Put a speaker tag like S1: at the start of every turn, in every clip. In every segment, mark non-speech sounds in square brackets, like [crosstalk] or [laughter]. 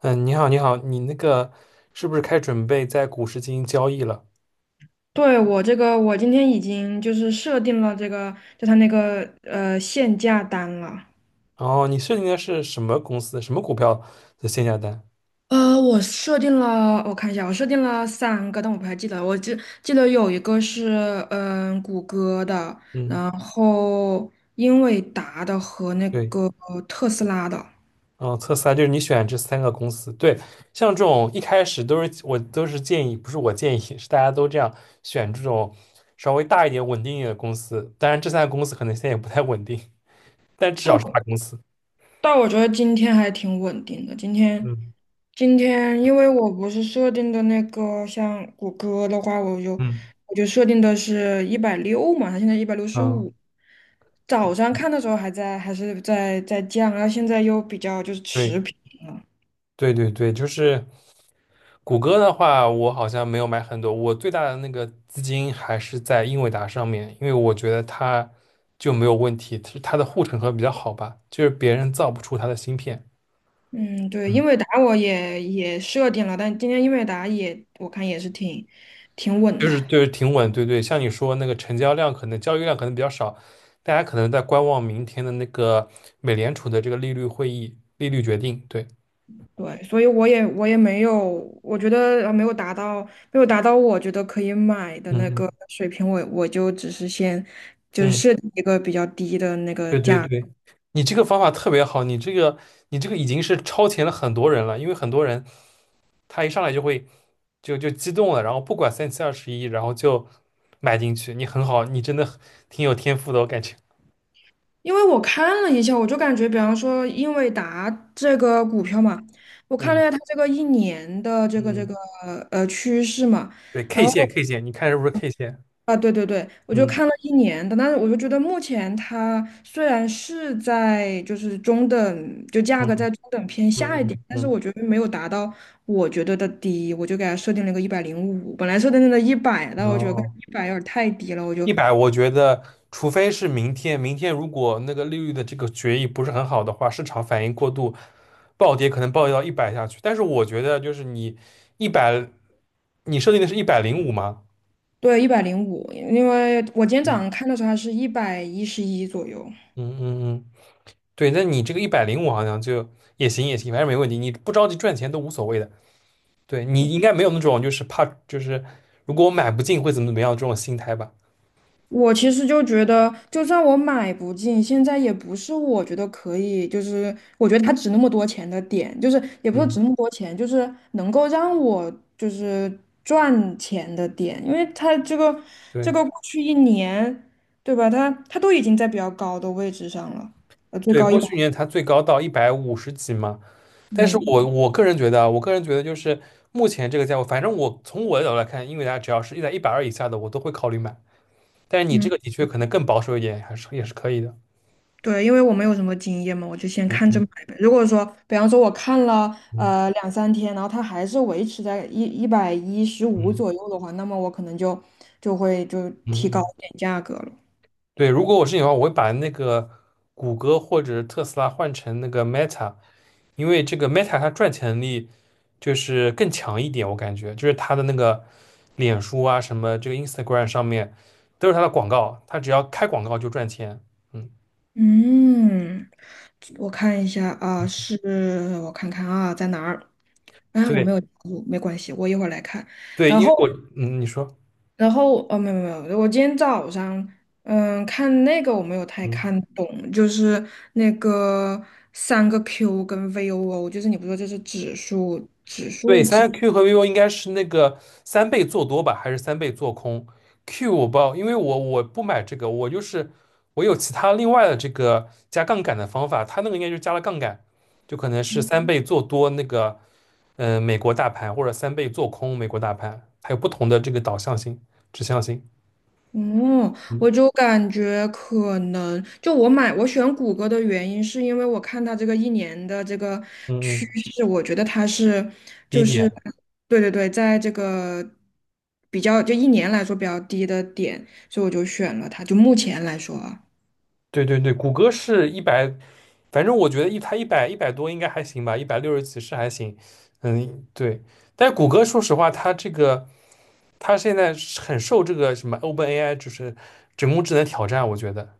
S1: 嗯，你好，你好，你那个是不是开始准备在股市进行交易了？
S2: 对，我这个，我今天已经就是设定了这个，就它那个限价单了。
S1: 然后你设定的是什么公司、什么股票的限价单？
S2: 我设定了，我看一下，我设定了三个，但我不太记得了，我记得有一个是谷歌的，
S1: 嗯，
S2: 然后英伟达的和那
S1: 对，
S2: 个特斯拉的。
S1: 嗯，测试啊，就是你选这三个公司。对，像这种一开始都是我都是建议，不是我建议，是大家都这样选这种稍微大一点、稳定一点的公司。当然，这三个公司可能现在也不太稳定，但至少是大公司。
S2: 但我觉得今天还挺稳定的。今天，
S1: 嗯
S2: 今天因为我不是设定的那个，像谷歌的话，我就
S1: 嗯
S2: 我就设定的是一百六嘛，它现在一百六十
S1: 嗯，
S2: 五。早上看的时候还是在降，然后现在又比较就是持平
S1: 对
S2: 了。
S1: 对对对，就是。谷歌的话，我好像没有买很多，我最大的那个资金还是在英伟达上面，因为我觉得它就没有问题，是它的护城河比较好吧，就是别人造不出它的芯片。
S2: 嗯，对，英
S1: 嗯，
S2: 伟达我也设定了，但今天英伟达也我看也是挺稳
S1: 就
S2: 的。
S1: 是就是挺稳，对对，像你说那个成交量可能交易量可能比较少，大家可能在观望明天的那个美联储的这个利率会议利率决定。对，
S2: 对，所以我也没有，我觉得没有达到我觉得可以买的
S1: 嗯
S2: 那
S1: 嗯
S2: 个水平，我就只是先就是
S1: 嗯，
S2: 设定一个比较低的那个
S1: 对对
S2: 价格。
S1: 对。你这个方法特别好，你这个已经是超前了很多人了，因为很多人他一上来就会就激动了，然后不管三七二十一，然后就买进去。你很好，你真的很挺有天赋的，我感觉。
S2: 因为我看了一下，我就感觉，比方说英伟达这个股票嘛，我看了
S1: 嗯
S2: 一下它这个一年的这个这
S1: 嗯，
S2: 个呃趋势嘛，
S1: 对
S2: 然
S1: ，K
S2: 后。
S1: 线 K 线，你看是不是 K 线？
S2: 啊，对对对，我就
S1: 嗯
S2: 看了一年的。但是我就觉得目前它虽然是在就是中等，就价格
S1: 嗯
S2: 在中等偏下一
S1: 嗯
S2: 点，但是
S1: 嗯
S2: 我觉得没有达到我觉得的低，我就给它设定了个一百零五，本来设定的一百，
S1: 嗯，
S2: 但我觉得
S1: 哦，
S2: 一百有点太低了，
S1: 一百，我觉得除非是明天，明天如果那个利率的这个决议不是很好的话，市场反应过度，暴跌可能暴跌到一百下去。但是我觉得就是你一百，你设定的是一百零五吗？
S2: 对，一百零五，一百零五。因为我今天早上
S1: 嗯
S2: 看的时候它是111左右。
S1: 嗯嗯嗯对，那你这个一百零五好像就也行也行，反正没问题，你不着急赚钱都无所谓的。对，你应该没有那种就是怕就是如果我买不进会怎么怎么样这种心态吧。
S2: 我其实就觉得，就算我买不进，现在也不是我觉得可以，就是我觉得它值那么多钱的点，就是也不是
S1: 嗯，
S2: 值那么多钱，就是能够让我就是赚钱的点。因为它这个这
S1: 对
S2: 个过去一年，对吧？它都已经在比较高的位置上了，最
S1: 对，
S2: 高一
S1: 过
S2: 百。
S1: 去年它最高到一百五十几嘛，但是
S2: 嗯
S1: 我个人觉得啊，我个人觉得就是目前这个价位，反正我从我的角度来看，英伟达只要是在120以下的，我都会考虑买。但是你这
S2: 嗯。
S1: 个的确可能更保守一点，还是也是可以的。
S2: 对，因为我没有什么经验嘛，我就先看着
S1: 嗯
S2: 买呗。如果说，比方说我看了
S1: 嗯
S2: 两三天，然后它还是维持在一百一十五
S1: 嗯
S2: 左右的话，那么我可能会就提高
S1: 嗯。嗯
S2: 一点价格了。
S1: 对，如果我是你的话，我会把那个谷歌或者特斯拉换成那个 Meta，因为这个 Meta 它赚钱能力就是更强一点，我感觉就是它的那个脸书啊，什么这个 Instagram 上面都是它的广告，它只要开广告就赚钱。嗯，
S2: 嗯，我看一下啊，是我看看啊，在哪儿？啊，我没有
S1: 对
S2: 记住，没关系，我一会儿来看。
S1: 对，
S2: 然
S1: 因为
S2: 后
S1: 我嗯，你说。
S2: 哦，没有没有，没有，我今天早上看那个，我没有太看
S1: 嗯。
S2: 懂，就是那个三个 Q 跟 VOO，就是你不说这是指数。
S1: 对，三 Q 和 vivo 应该是那个3倍做多吧，还是三倍做空？Q 我不知道，因为我不买这个，我就是我有其他另外的这个加杠杆的方法，它那个应该就是加了杠杆，就可能是三倍做多那个美国大盘，或者三倍做空美国大盘，它有不同的这个导向性、指向性。
S2: 嗯，
S1: 嗯
S2: 我就感觉可能就我选谷歌的原因是因为我看它这个一年的这个
S1: 嗯
S2: 趋
S1: 嗯，
S2: 势，我觉得它是
S1: 第一
S2: 就是，
S1: 点。
S2: 对对对，在这个比较就一年来说比较低的点，所以我就选了它，就目前来说啊。
S1: 对对对，谷歌是一百，反正我觉得它一百多应该还行吧，一百六十几是还行。嗯，对。但是谷歌说实话，它这个它现在是很受这个什么 OpenAI 就是人工智能挑战，我觉得。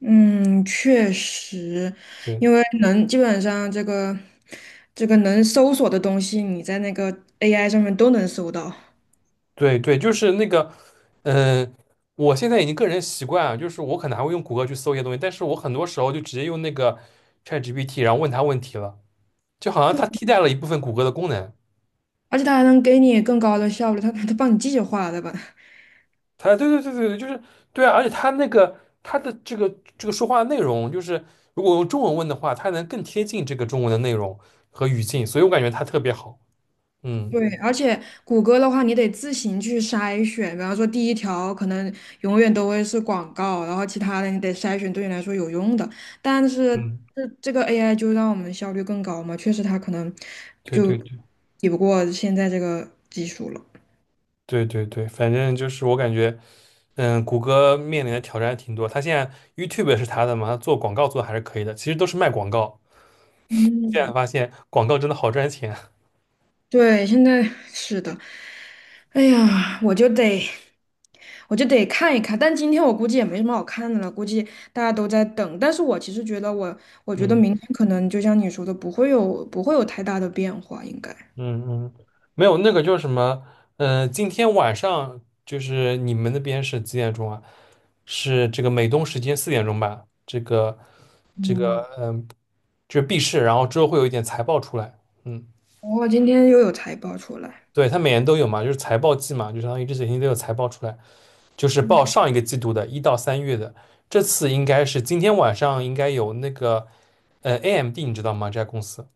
S2: 嗯，确实，
S1: 对
S2: 因为能基本上这个能搜索的东西，你在那个 AI 上面都能搜到。
S1: 对对，就是那个，嗯、我现在已经个人习惯啊，就是我可能还会用谷歌去搜一些东西，但是我很多时候就直接用那个 ChatGPT，然后问他问题了，就好像它替代了一部分谷歌的功能。
S2: 而且它还能给你更高的效率，它帮你计划的吧？
S1: 他对对对对对，就是对啊，而且他那个他的这个说话内容，就是如果用中文问的话，他能更贴近这个中文的内容和语境，所以我感觉他特别好。嗯
S2: 对，而且谷歌的话，你得自行去筛选，比方说第一条可能永远都会是广告，然后其他的你得筛选对你来说有用的，但是
S1: 嗯，
S2: 这个 AI 就让我们效率更高嘛，确实它可能
S1: 对
S2: 就
S1: 对对
S2: 抵不过现在这个技术了。
S1: 对对对，反正就是我感觉，谷歌面临的挑战挺多。他现在 YouTube 是他的嘛，他做广告做的还是可以的，其实都是卖广告。现在
S2: 嗯，
S1: 发现广告真的好赚钱。
S2: 对，现在是的。哎呀，我就得看一看。但今天我估计也没什么好看的了，估计大家都在等。但是我其实觉得我，我
S1: [laughs]
S2: 觉得
S1: 嗯。
S2: 明天可能就像你说的，不会有太大的变化，应该。
S1: 嗯嗯，没有那个叫什么，今天晚上就是你们那边是几点钟啊？是这个美东时间4点钟吧？这个，
S2: 嗯
S1: 嗯、就是闭市，然后之后会有一点财报出来。嗯，
S2: 今天又有财报出来。
S1: 对，它每年都有嘛，就是财报季嘛，就相当于这几天都有财报出来，就是
S2: 嗯
S1: 报上一个季度的1到3月的，这次应该是今天晚上应该有那个，AMD 你知道吗？这家公司。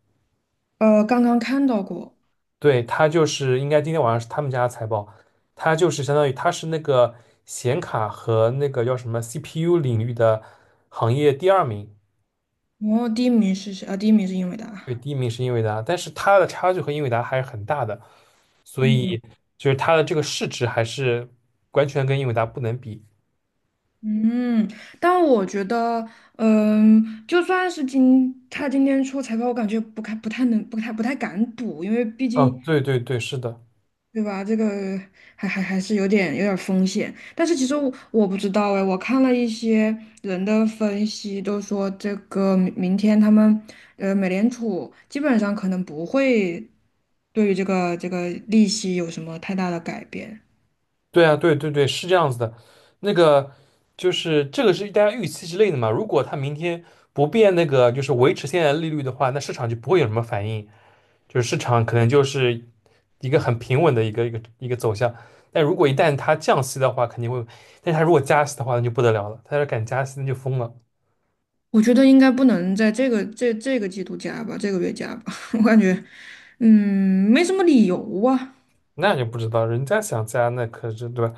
S2: 呃，刚刚看到过。
S1: 对，它就是应该今天晚上是他们家的财报，它就是相当于它是那个显卡和那个叫什么 CPU 领域的行业第二名。
S2: 哦，第一名是谁？啊，第一名是英伟达。
S1: 对，第一名是英伟达，但是它的差距和英伟达还是很大的，所
S2: 嗯。
S1: 以就是它的这个市值还是完全跟英伟达不能比。
S2: 嗯，但我觉得，嗯，就算是他今天出财报，我感觉不太不太能不太不太敢赌。因为毕
S1: 嗯，
S2: 竟
S1: 对对对，是的，
S2: 对吧，这个还是有点风险。但是其实我不知道哎，我看了一些人的分析，都说这个明天他们美联储基本上可能不会对于这个利息有什么太大的改变。
S1: 对啊，对对对，是这样子的。那个就是这个是大家预期之内的嘛。如果它明天不变那个就是维持现在的利率的话，那市场就不会有什么反应。就是市场可能就是一个很平稳的一个走向。但如果一旦它降息的话，肯定会；但是它如果加息的话，那就不得了了。它要敢加息，那就疯了。
S2: 我觉得应该不能在这个这个季度加吧，这个月加吧，[laughs] 我感觉，嗯，没什么理由啊。
S1: 那就不知道，人家想加，那可是对吧？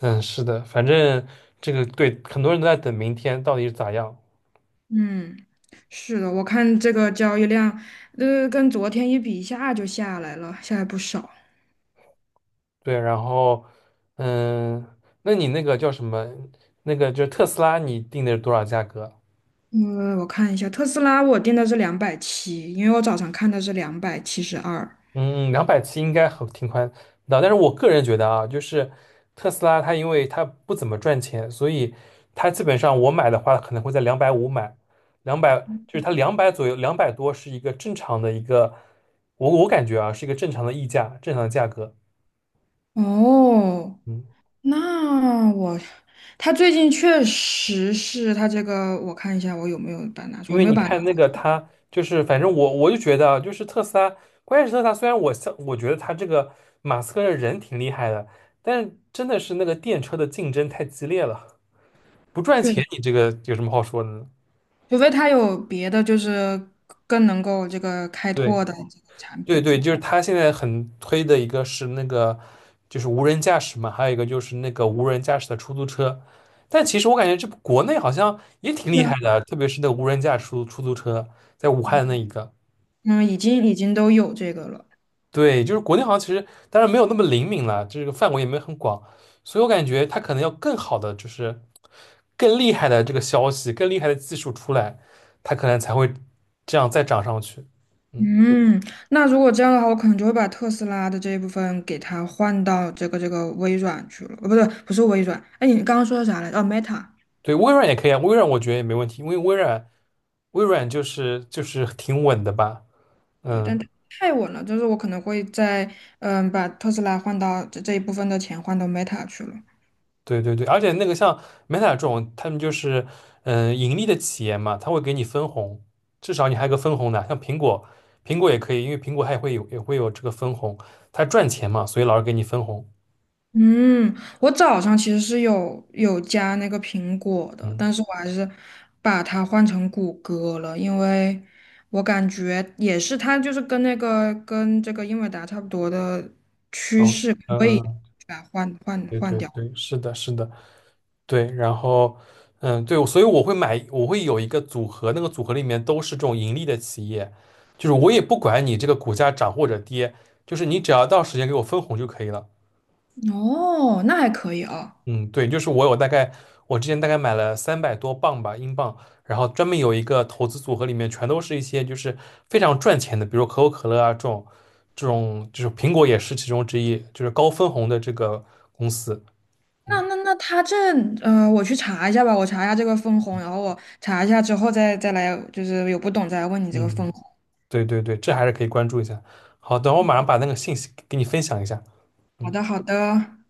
S1: 嗯，是的，反正这个对很多人都在等明天到底是咋样。
S2: 嗯，是的，我看这个交易量，跟昨天一比，一下就下来了，下来不少。
S1: 对，然后嗯，那你那个叫什么？那个就是特斯拉，你定的是多少价格？
S2: 我看一下，特斯拉我定的是两百七，因为我早上看的是272。
S1: 嗯，270应该很挺宽的，但是我个人觉得啊，就是特斯拉它因为它不怎么赚钱，所以它基本上我买的话可能会在250买，两百就是它两百左右，200多是一个正常的一个，我感觉啊是一个正常的溢价，正常的价格。
S2: 哦，
S1: 嗯，
S2: 那我，它最近确实是它这个。我看一下我有没有把它拿出，
S1: 因
S2: 我
S1: 为
S2: 没有
S1: 你
S2: 把它拿
S1: 看那个它就是反正我就觉得啊，就是特斯拉，关键是特斯拉虽然我像我觉得它这个马斯克的人挺厉害的，但是真的是那个电车的竞争太激烈了。不赚
S2: 出。
S1: 钱，你这个有什么好说的呢？
S2: 除非他有别的，就是更能够这个开
S1: 对，
S2: 拓的这个产
S1: 对
S2: 品
S1: 对，
S2: 出来。
S1: 就是他现在很推的一个是那个，就是无人驾驶嘛，还有一个就是那个无人驾驶的出租车。但其实我感觉这国内好像也挺
S2: 对
S1: 厉
S2: 啊，
S1: 害的，特别是那个无人驾驶出租车，在武汉的那一个。
S2: 嗯，已经都有这个了。
S1: 对，就是国内好像其实当然没有那么灵敏了，这个范围也没有很广，所以我感觉它可能要更好的就是更厉害的这个消息，更厉害的技术出来，它可能才会这样再涨上去。嗯。
S2: 嗯，那如果这样的话，我可能就会把特斯拉的这一部分给它换到这个微软去了。不对，不是微软。哎，你刚刚说的啥来着？哦，Meta。
S1: 对，微软也可以啊，微软我觉得也没问题，因为微软就是挺稳的吧。
S2: 对，但
S1: 嗯，
S2: 它太稳了，就是我可能会在把特斯拉换到这一部分的钱换到 Meta 去了。
S1: 对对对，而且那个像 Meta 这种，他们就是盈利的企业嘛，他会给你分红，至少你还有个分红的，像苹果也可以，因为苹果它也会有这个分红，它赚钱嘛，所以老是给你分红。
S2: 嗯，我早上其实是有加那个苹果的，
S1: 嗯，
S2: 但是我还是把它换成谷歌了，因为我感觉也是它就是跟这个英伟达差不多的趋
S1: 哦，
S2: 势，
S1: 嗯
S2: 我也
S1: 嗯。
S2: 把它换换
S1: 对
S2: 换
S1: 对
S2: 掉。
S1: 对，是的，是的，对，然后，嗯，对，所以我会买，我会有一个组合，那个组合里面都是这种盈利的企业，就是我也不管你这个股价涨或者跌，就是你只要到时间给我分红就可以了。
S2: 哦，那还可以啊。
S1: 嗯，对，就是我有大概，我之前大概买了300多磅吧，英镑，然后专门有一个投资组合，里面全都是一些就是非常赚钱的，比如可口可乐啊这种，这种就是苹果也是其中之一，就是高分红的这个公司。
S2: 那
S1: 嗯。
S2: 那那我去查一下吧，我查一下这个分红，然后我查一下之后再来，就是有不懂再来问你这个
S1: 嗯。
S2: 分红。
S1: 对对对，这还是可以关注一下。好，等我马上把那个信息给你分享一下。
S2: 好
S1: 嗯。
S2: 的，好的。